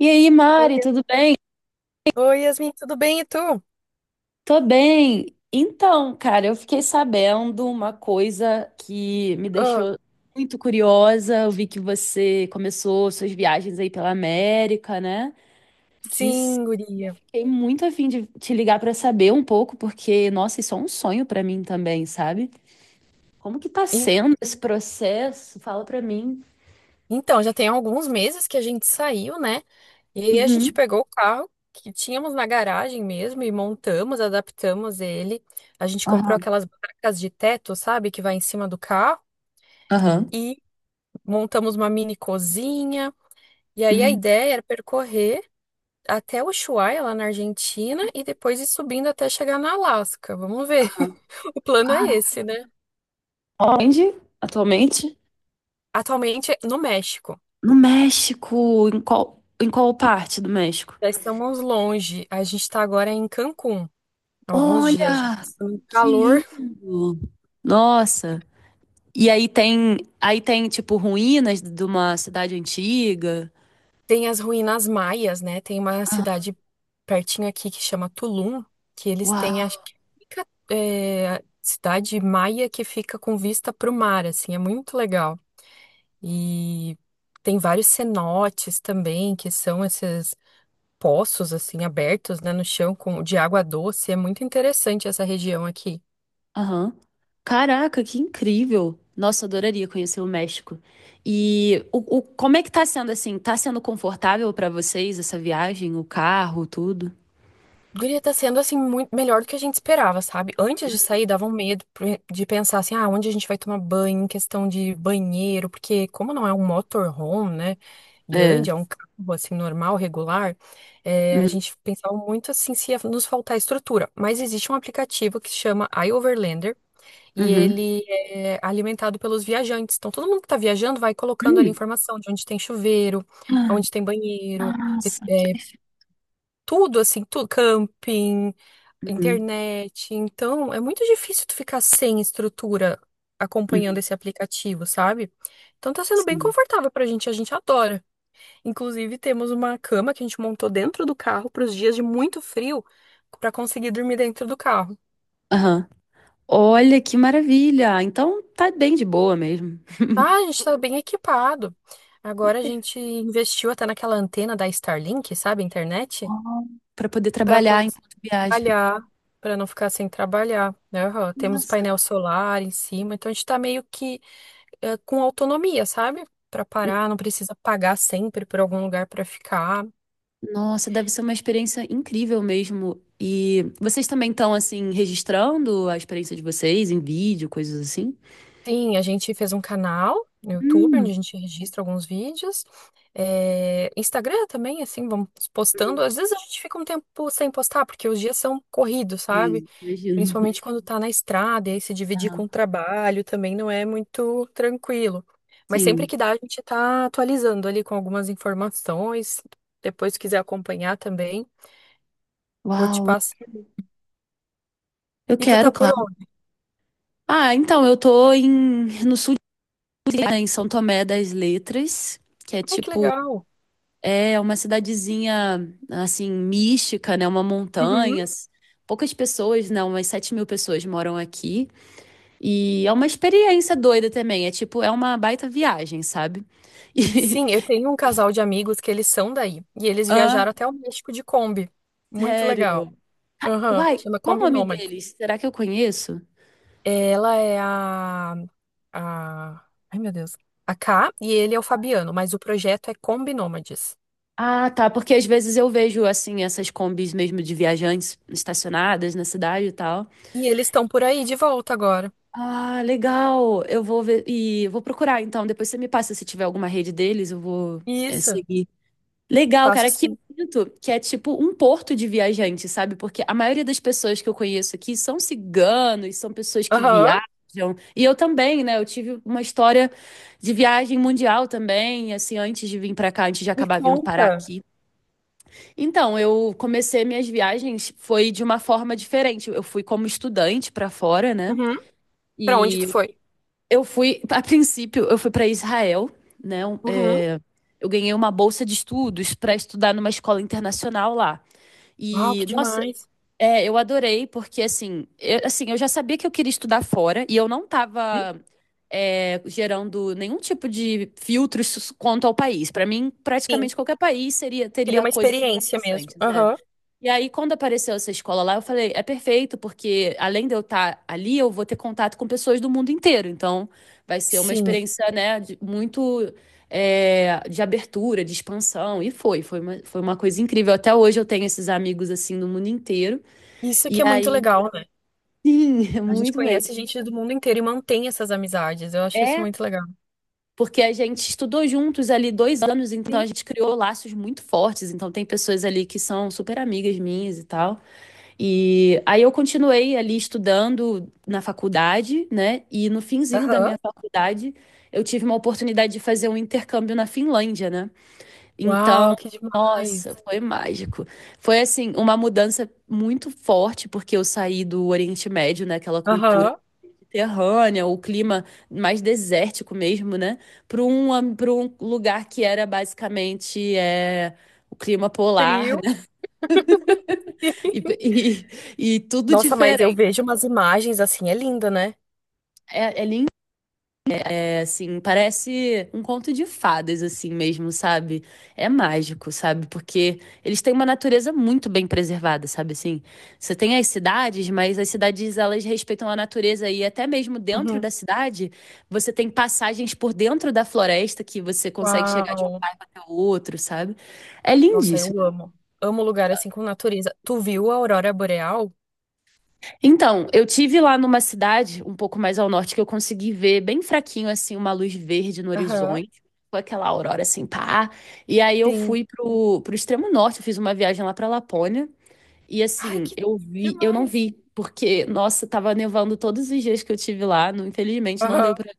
E aí, Oi, Mari, tudo bem? Oi, Yasmin, tudo bem? E tu? Tô bem. Então, cara, eu fiquei sabendo uma coisa que me Ah, deixou muito curiosa. Eu vi que você começou suas viagens aí pela América, né? Que s- Sim, e eu guria. fiquei muito a fim de te ligar pra saber um pouco, porque, nossa, isso é um sonho pra mim também, sabe? Como que tá En- sendo esse processo? Fala pra mim. Então, já tem alguns meses que a gente saiu, né? E aí a gente Uhum. pegou o carro que tínhamos na garagem mesmo e montamos, adaptamos ele. A gente comprou Aham. aquelas barracas de teto, sabe, que vai em cima do carro Aham. e montamos uma mini cozinha. E aí a Uhum. ideia era percorrer até Ushuaia, lá na Argentina, e depois ir subindo até chegar na Alasca. Vamos ver. O plano é Cara, esse, né? onde atualmente? Atualmente é no México. No México, em qual parte do México? Já estamos longe. A gente está agora em Cancún. Alguns dias já Olha, passando que calor. lindo! Nossa! E aí tem tipo ruínas de uma cidade antiga. Tem as ruínas maias, né? Tem uma cidade pertinho aqui que chama Tulum, que eles têm, Uau! acho que fica, é, a cidade maia que fica com vista para o mar, assim, é muito legal. E tem vários cenotes também, que são esses poços, assim, abertos, né, no chão com, de água doce. É muito interessante essa região aqui. Aham. Caraca, que incrível! Nossa, eu adoraria conhecer o México. E como é que tá sendo assim? Tá sendo confortável pra vocês essa viagem, o carro, tudo? Guria, tá sendo assim muito melhor do que a gente esperava, sabe? Antes de sair, dava um medo de pensar assim, ah, onde a gente vai tomar banho, em questão de banheiro, porque como não é um motorhome, né, É. grande, é um carro assim normal, regular, é, a Uhum. gente pensava muito assim se ia nos faltar estrutura. Mas existe um aplicativo que se chama iOverlander e Uhum. ele é alimentado pelos viajantes. Então todo mundo que tá viajando vai colocando ali Hum. informação de onde tem chuveiro, Ah, onde tem banheiro, nossa, que eh, perfeito. tudo assim, tudo, camping Uhum. internet. Então, é muito difícil tu ficar sem estrutura acompanhando Uhum. esse aplicativo, sabe? Então tá sendo bem Sim. confortável pra gente, a gente adora. Inclusive, temos uma cama que a gente montou dentro do carro para os dias de muito frio, pra conseguir dormir dentro do carro. Aham. Olha que maravilha! Então tá bem de boa mesmo. Ah, a gente tá bem equipado. Que Agora a per- gente investiu até naquela antena da Starlink, sabe, Ó, internet, pra poder para trabalhar enquanto viaja. trabalhar, para não ficar sem trabalhar, né? Aham. Temos Nossa, painel solar em cima, então a gente tá meio que é, com autonomia, sabe? Pra parar, não precisa pagar sempre por algum lugar pra ficar. nossa, deve ser uma experiência incrível mesmo. E vocês também estão assim registrando a experiência de vocês em vídeo, coisas assim? Sim, a gente fez um canal no YouTube onde a Hum. gente registra alguns vídeos. É, Instagram também, assim, vamos postando. Às vezes a gente fica um tempo sem postar, porque os dias são corridos, sabe? Sim, imagino. Principalmente quando tá na estrada, e aí se dividir com Aham, o trabalho também não é muito tranquilo. Mas sempre sim. que dá, a gente tá atualizando ali com algumas informações. Depois, se quiser acompanhar também, vou te Uau, eu passar. E tu tá quero, por. claro. Ah, então, no sul, de Minas, né, em São Tomé das Letras, que é Ai, que tipo. legal. É uma cidadezinha, assim, mística, né? Uma Uhum. montanha. Poucas pessoas, né? Umas 7.000 pessoas moram aqui. E é uma experiência doida também. É tipo, é uma baita viagem, sabe? E... Sim, eu tenho um casal de amigos que eles são daí. E eles Ah, viajaram até o México de Kombi. Muito legal. sério. Aham. Uai, Chama qual o Kombi nome Nômade. deles? Será que eu conheço? Ela é a. Ai, meu Deus. A Ká e ele é o Fabiano, mas o projeto é Kombi Nômades. Ah, tá. Porque às vezes eu vejo, assim, essas combis mesmo de viajantes estacionadas na cidade e tal. E eles estão por aí de volta agora. Ah, legal. Eu vou ver. E eu vou procurar, então. Depois você me passa se tiver alguma rede deles, eu vou. É, Isso. seguir. Legal, cara. Passo Aqui sim. eu sinto que é tipo um porto de viajante, sabe? Porque a maioria das pessoas que eu conheço aqui são ciganos, são pessoas que Aham. viajam. E eu também, né? Eu tive uma história de viagem mundial também, assim, antes de vir pra cá, antes de Me acabar vindo parar conta. aqui. Então, eu comecei minhas viagens foi de uma forma diferente. Eu fui como estudante pra fora, né? Uhum. Pra onde tu E foi? Eu fui para Israel, né? Uhum. Eu ganhei uma bolsa de estudos para estudar numa escola internacional lá. Uau, que E, nossa, demais. Eu adorei, porque eu já sabia que eu queria estudar fora e eu não Hum? estava gerando nenhum tipo de filtros quanto ao país. Para mim, Sim. praticamente qualquer Queria teria uma coisas experiência mesmo. interessantes. É. Aham. E aí, quando apareceu essa escola lá, eu falei, é perfeito, porque além de eu estar ali, eu vou ter contato com pessoas do mundo inteiro. Então, vai ser uma Sim. experiência, né, muito de abertura, de expansão. E foi uma coisa incrível. Até hoje eu tenho esses amigos, assim, do mundo inteiro. Isso que E é muito aí, legal, né? sim, é A gente muito conhece mesmo. gente do mundo inteiro e mantém essas amizades. Eu acho isso É, muito legal. porque a gente estudou juntos ali 2 anos, então a Sim. gente criou laços muito fortes. Então, tem pessoas ali que são super amigas minhas e tal. E aí eu continuei ali estudando na faculdade, né? E no finzinho da Aham. minha faculdade, eu tive uma oportunidade de fazer um intercâmbio na Finlândia, né? Uau, Então, que demais. nossa, foi mágico. Foi assim, uma mudança muito forte, porque eu saí do Oriente Médio, né? Aquela cultura Aham. mediterrânea, o clima mais desértico mesmo, né? Para pra um lugar que era basicamente o clima polar, Frio. né? E, e tudo Nossa, mas eu diferente. vejo umas imagens assim, é linda, né? É, é lindo, é assim, parece um conto de fadas, assim mesmo, sabe? É mágico, sabe? Porque eles têm uma natureza muito bem preservada, sabe? Assim, você tem as cidades, mas as cidades elas respeitam a natureza e até mesmo dentro Uhum. da cidade, você tem passagens por dentro da floresta que você consegue chegar de um Uau. bairro até o outro, sabe? É Nossa, eu lindíssimo. amo. Amo lugar assim com natureza. Tu viu a aurora boreal? Então, eu tive lá numa cidade um pouco mais ao norte que eu consegui ver bem fraquinho assim uma luz verde no Aham. horizonte, foi aquela aurora assim, pá. E aí eu Sim. fui pro extremo norte, eu fiz uma viagem lá pra Lapônia e Ai, assim, que eu vi, eu não demais. vi porque nossa, tava nevando todos os dias que eu tive lá, infelizmente não Aham. deu pra.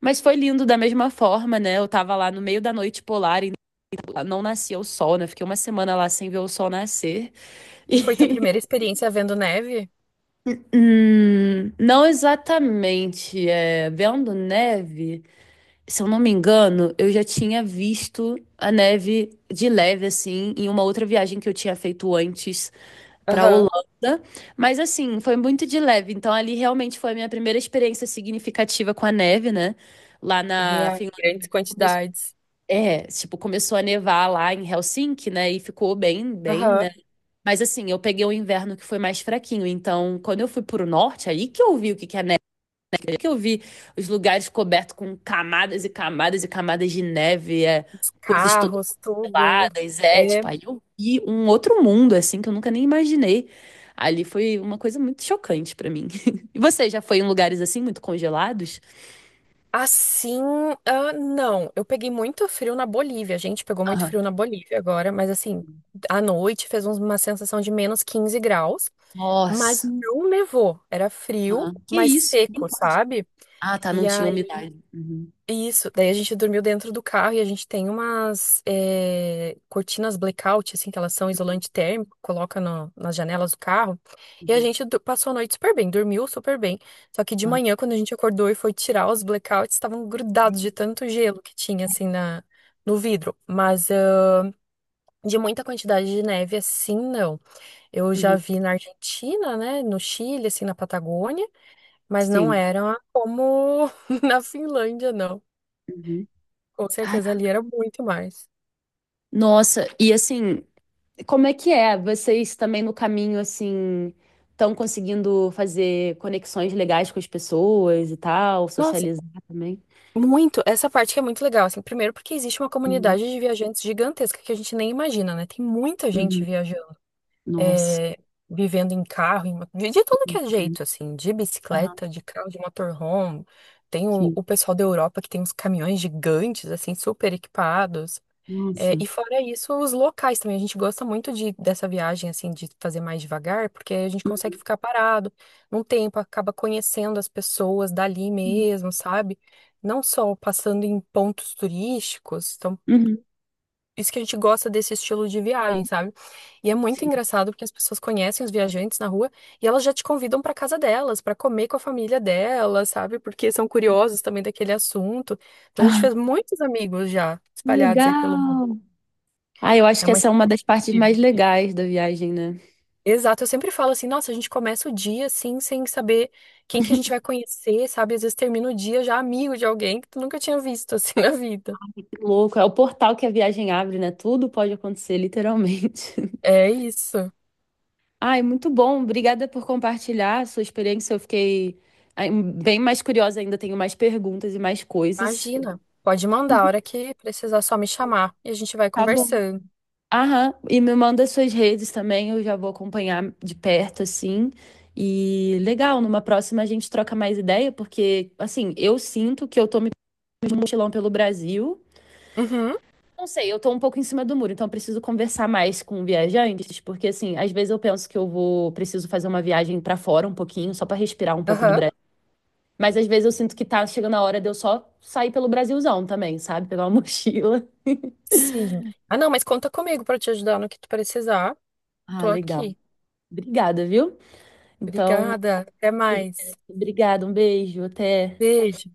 Mas foi lindo da mesma forma, né? Eu tava lá no meio da noite polar e não nascia o sol, né? Fiquei uma semana lá sem ver o sol nascer. E foi tua primeira experiência vendo neve? Não exatamente. É, vendo neve, se eu não me engano, eu já tinha visto a neve de leve, assim, em uma outra viagem que eu tinha feito antes para Aham. Holanda. Mas, assim, foi muito de leve. Então, ali realmente foi a minha primeira experiência significativa com a neve, né? Lá na Real, em Finlândia grandes começou. quantidades. É, tipo, começou a nevar lá em Helsinki, né? E ficou bem, né? Aham. Mas assim, eu peguei o inverno que foi mais fraquinho. Então, quando eu fui pro norte, aí que eu vi o que que é neve, aí que eu vi os lugares cobertos com camadas e camadas e camadas de neve, é, Os coisas todas carros, tudo. peladas, é, É, tipo, aí eu vi um outro mundo, assim, que eu nunca nem imaginei. Ali foi uma coisa muito chocante pra mim. E você já foi em lugares assim, muito congelados? assim, ah, não, eu peguei muito frio na Bolívia, a gente pegou muito Aham. frio na Bolívia agora, mas assim, à noite uma sensação de -15 graus, mas Nossa. não nevou, era frio, Aham. Que mas isso? Não seco, pode. sabe? Ah, tá, não E tinha aí. umidade. Uhum, Isso, daí a gente dormiu dentro do carro e a gente tem umas cortinas blackout, assim, que elas são isolante térmico, coloca nas janelas do carro. E a uhum, gente passou a noite super bem, dormiu super bem. Só que de aham. manhã, quando a gente acordou e foi tirar os blackouts, estavam grudados de Uhum, tanto gelo que tinha, assim, no vidro. Mas ah, de muita quantidade de neve, assim, não. Eu já vi na Argentina, né, no Chile, assim, na Patagônia, mas não sim. era como na Finlândia, não. Uhum. Com certeza ali era muito mais. Nossa, e assim, como é que é? Vocês também no caminho, assim, estão conseguindo fazer conexões legais com as pessoas e tal, Nossa, socializar também? muito. Essa parte que é muito legal, assim. Primeiro porque existe uma Uhum, comunidade de viajantes gigantesca que a gente nem imagina, né? Tem muita gente uhum. viajando, Nossa. é, vivendo em carro, de tudo que é Entendo. jeito, assim, de Aham, bicicleta, de carro, de motorhome. Tem o, sim. o pessoal da Europa que tem uns caminhões gigantes, assim, super equipados. É, Nossa. e fora isso, os locais também. A gente gosta muito dessa viagem, assim, de fazer mais devagar, porque a gente consegue ficar parado num tempo, acaba conhecendo as pessoas dali Uhum, mesmo, sabe? Não só passando em pontos turísticos. Então, uhum, isso que a gente gosta desse estilo de viagem, sabe? E é muito sim. engraçado porque as pessoas conhecem os viajantes na rua e elas já te convidam para casa delas, para comer com a família delas, sabe? Porque são curiosos também daquele assunto. Então, a gente Ah, fez muitos amigos já espalhados aí pelo mundo. legal! Ah, eu acho É que uma essa é uma das partes mais legais da viagem, né? Exato, eu sempre falo assim, nossa, a gente começa o dia assim, sem saber quem que a gente vai conhecer, sabe? Às vezes termina o dia já amigo de alguém que tu nunca tinha visto assim na vida. Louco, é o portal que a viagem abre, né? Tudo pode acontecer, literalmente. É isso. Ai, muito bom. Obrigada por compartilhar a sua experiência. Eu fiquei ai, bem mais curiosa ainda, tenho mais perguntas e mais coisas. Imagina. Pode mandar a hora que precisar só me chamar e a gente vai Tá bom. conversando. Aham, e me manda suas redes também, eu já vou acompanhar de perto, assim. E legal, numa próxima a gente troca mais ideia, porque, assim, eu sinto que eu tô me pegando de mochilão pelo Brasil. Uhum. Não sei, eu tô um pouco em cima do muro, então eu preciso conversar mais com viajantes, porque, assim, às vezes eu penso que eu vou, preciso fazer uma viagem pra fora um pouquinho, só pra respirar um pouco do Aham. Brasil. Mas às vezes eu sinto que tá chegando a hora de eu só sair pelo Brasilzão também, sabe? Pegar uma mochila. Sim. Ah, não, mas conta comigo para te ajudar no que tu precisar. Ah, Tô legal. aqui. Obrigada, viu? Então, Obrigada. Até eu vou- mais. obrigada, um beijo, até. Beijo.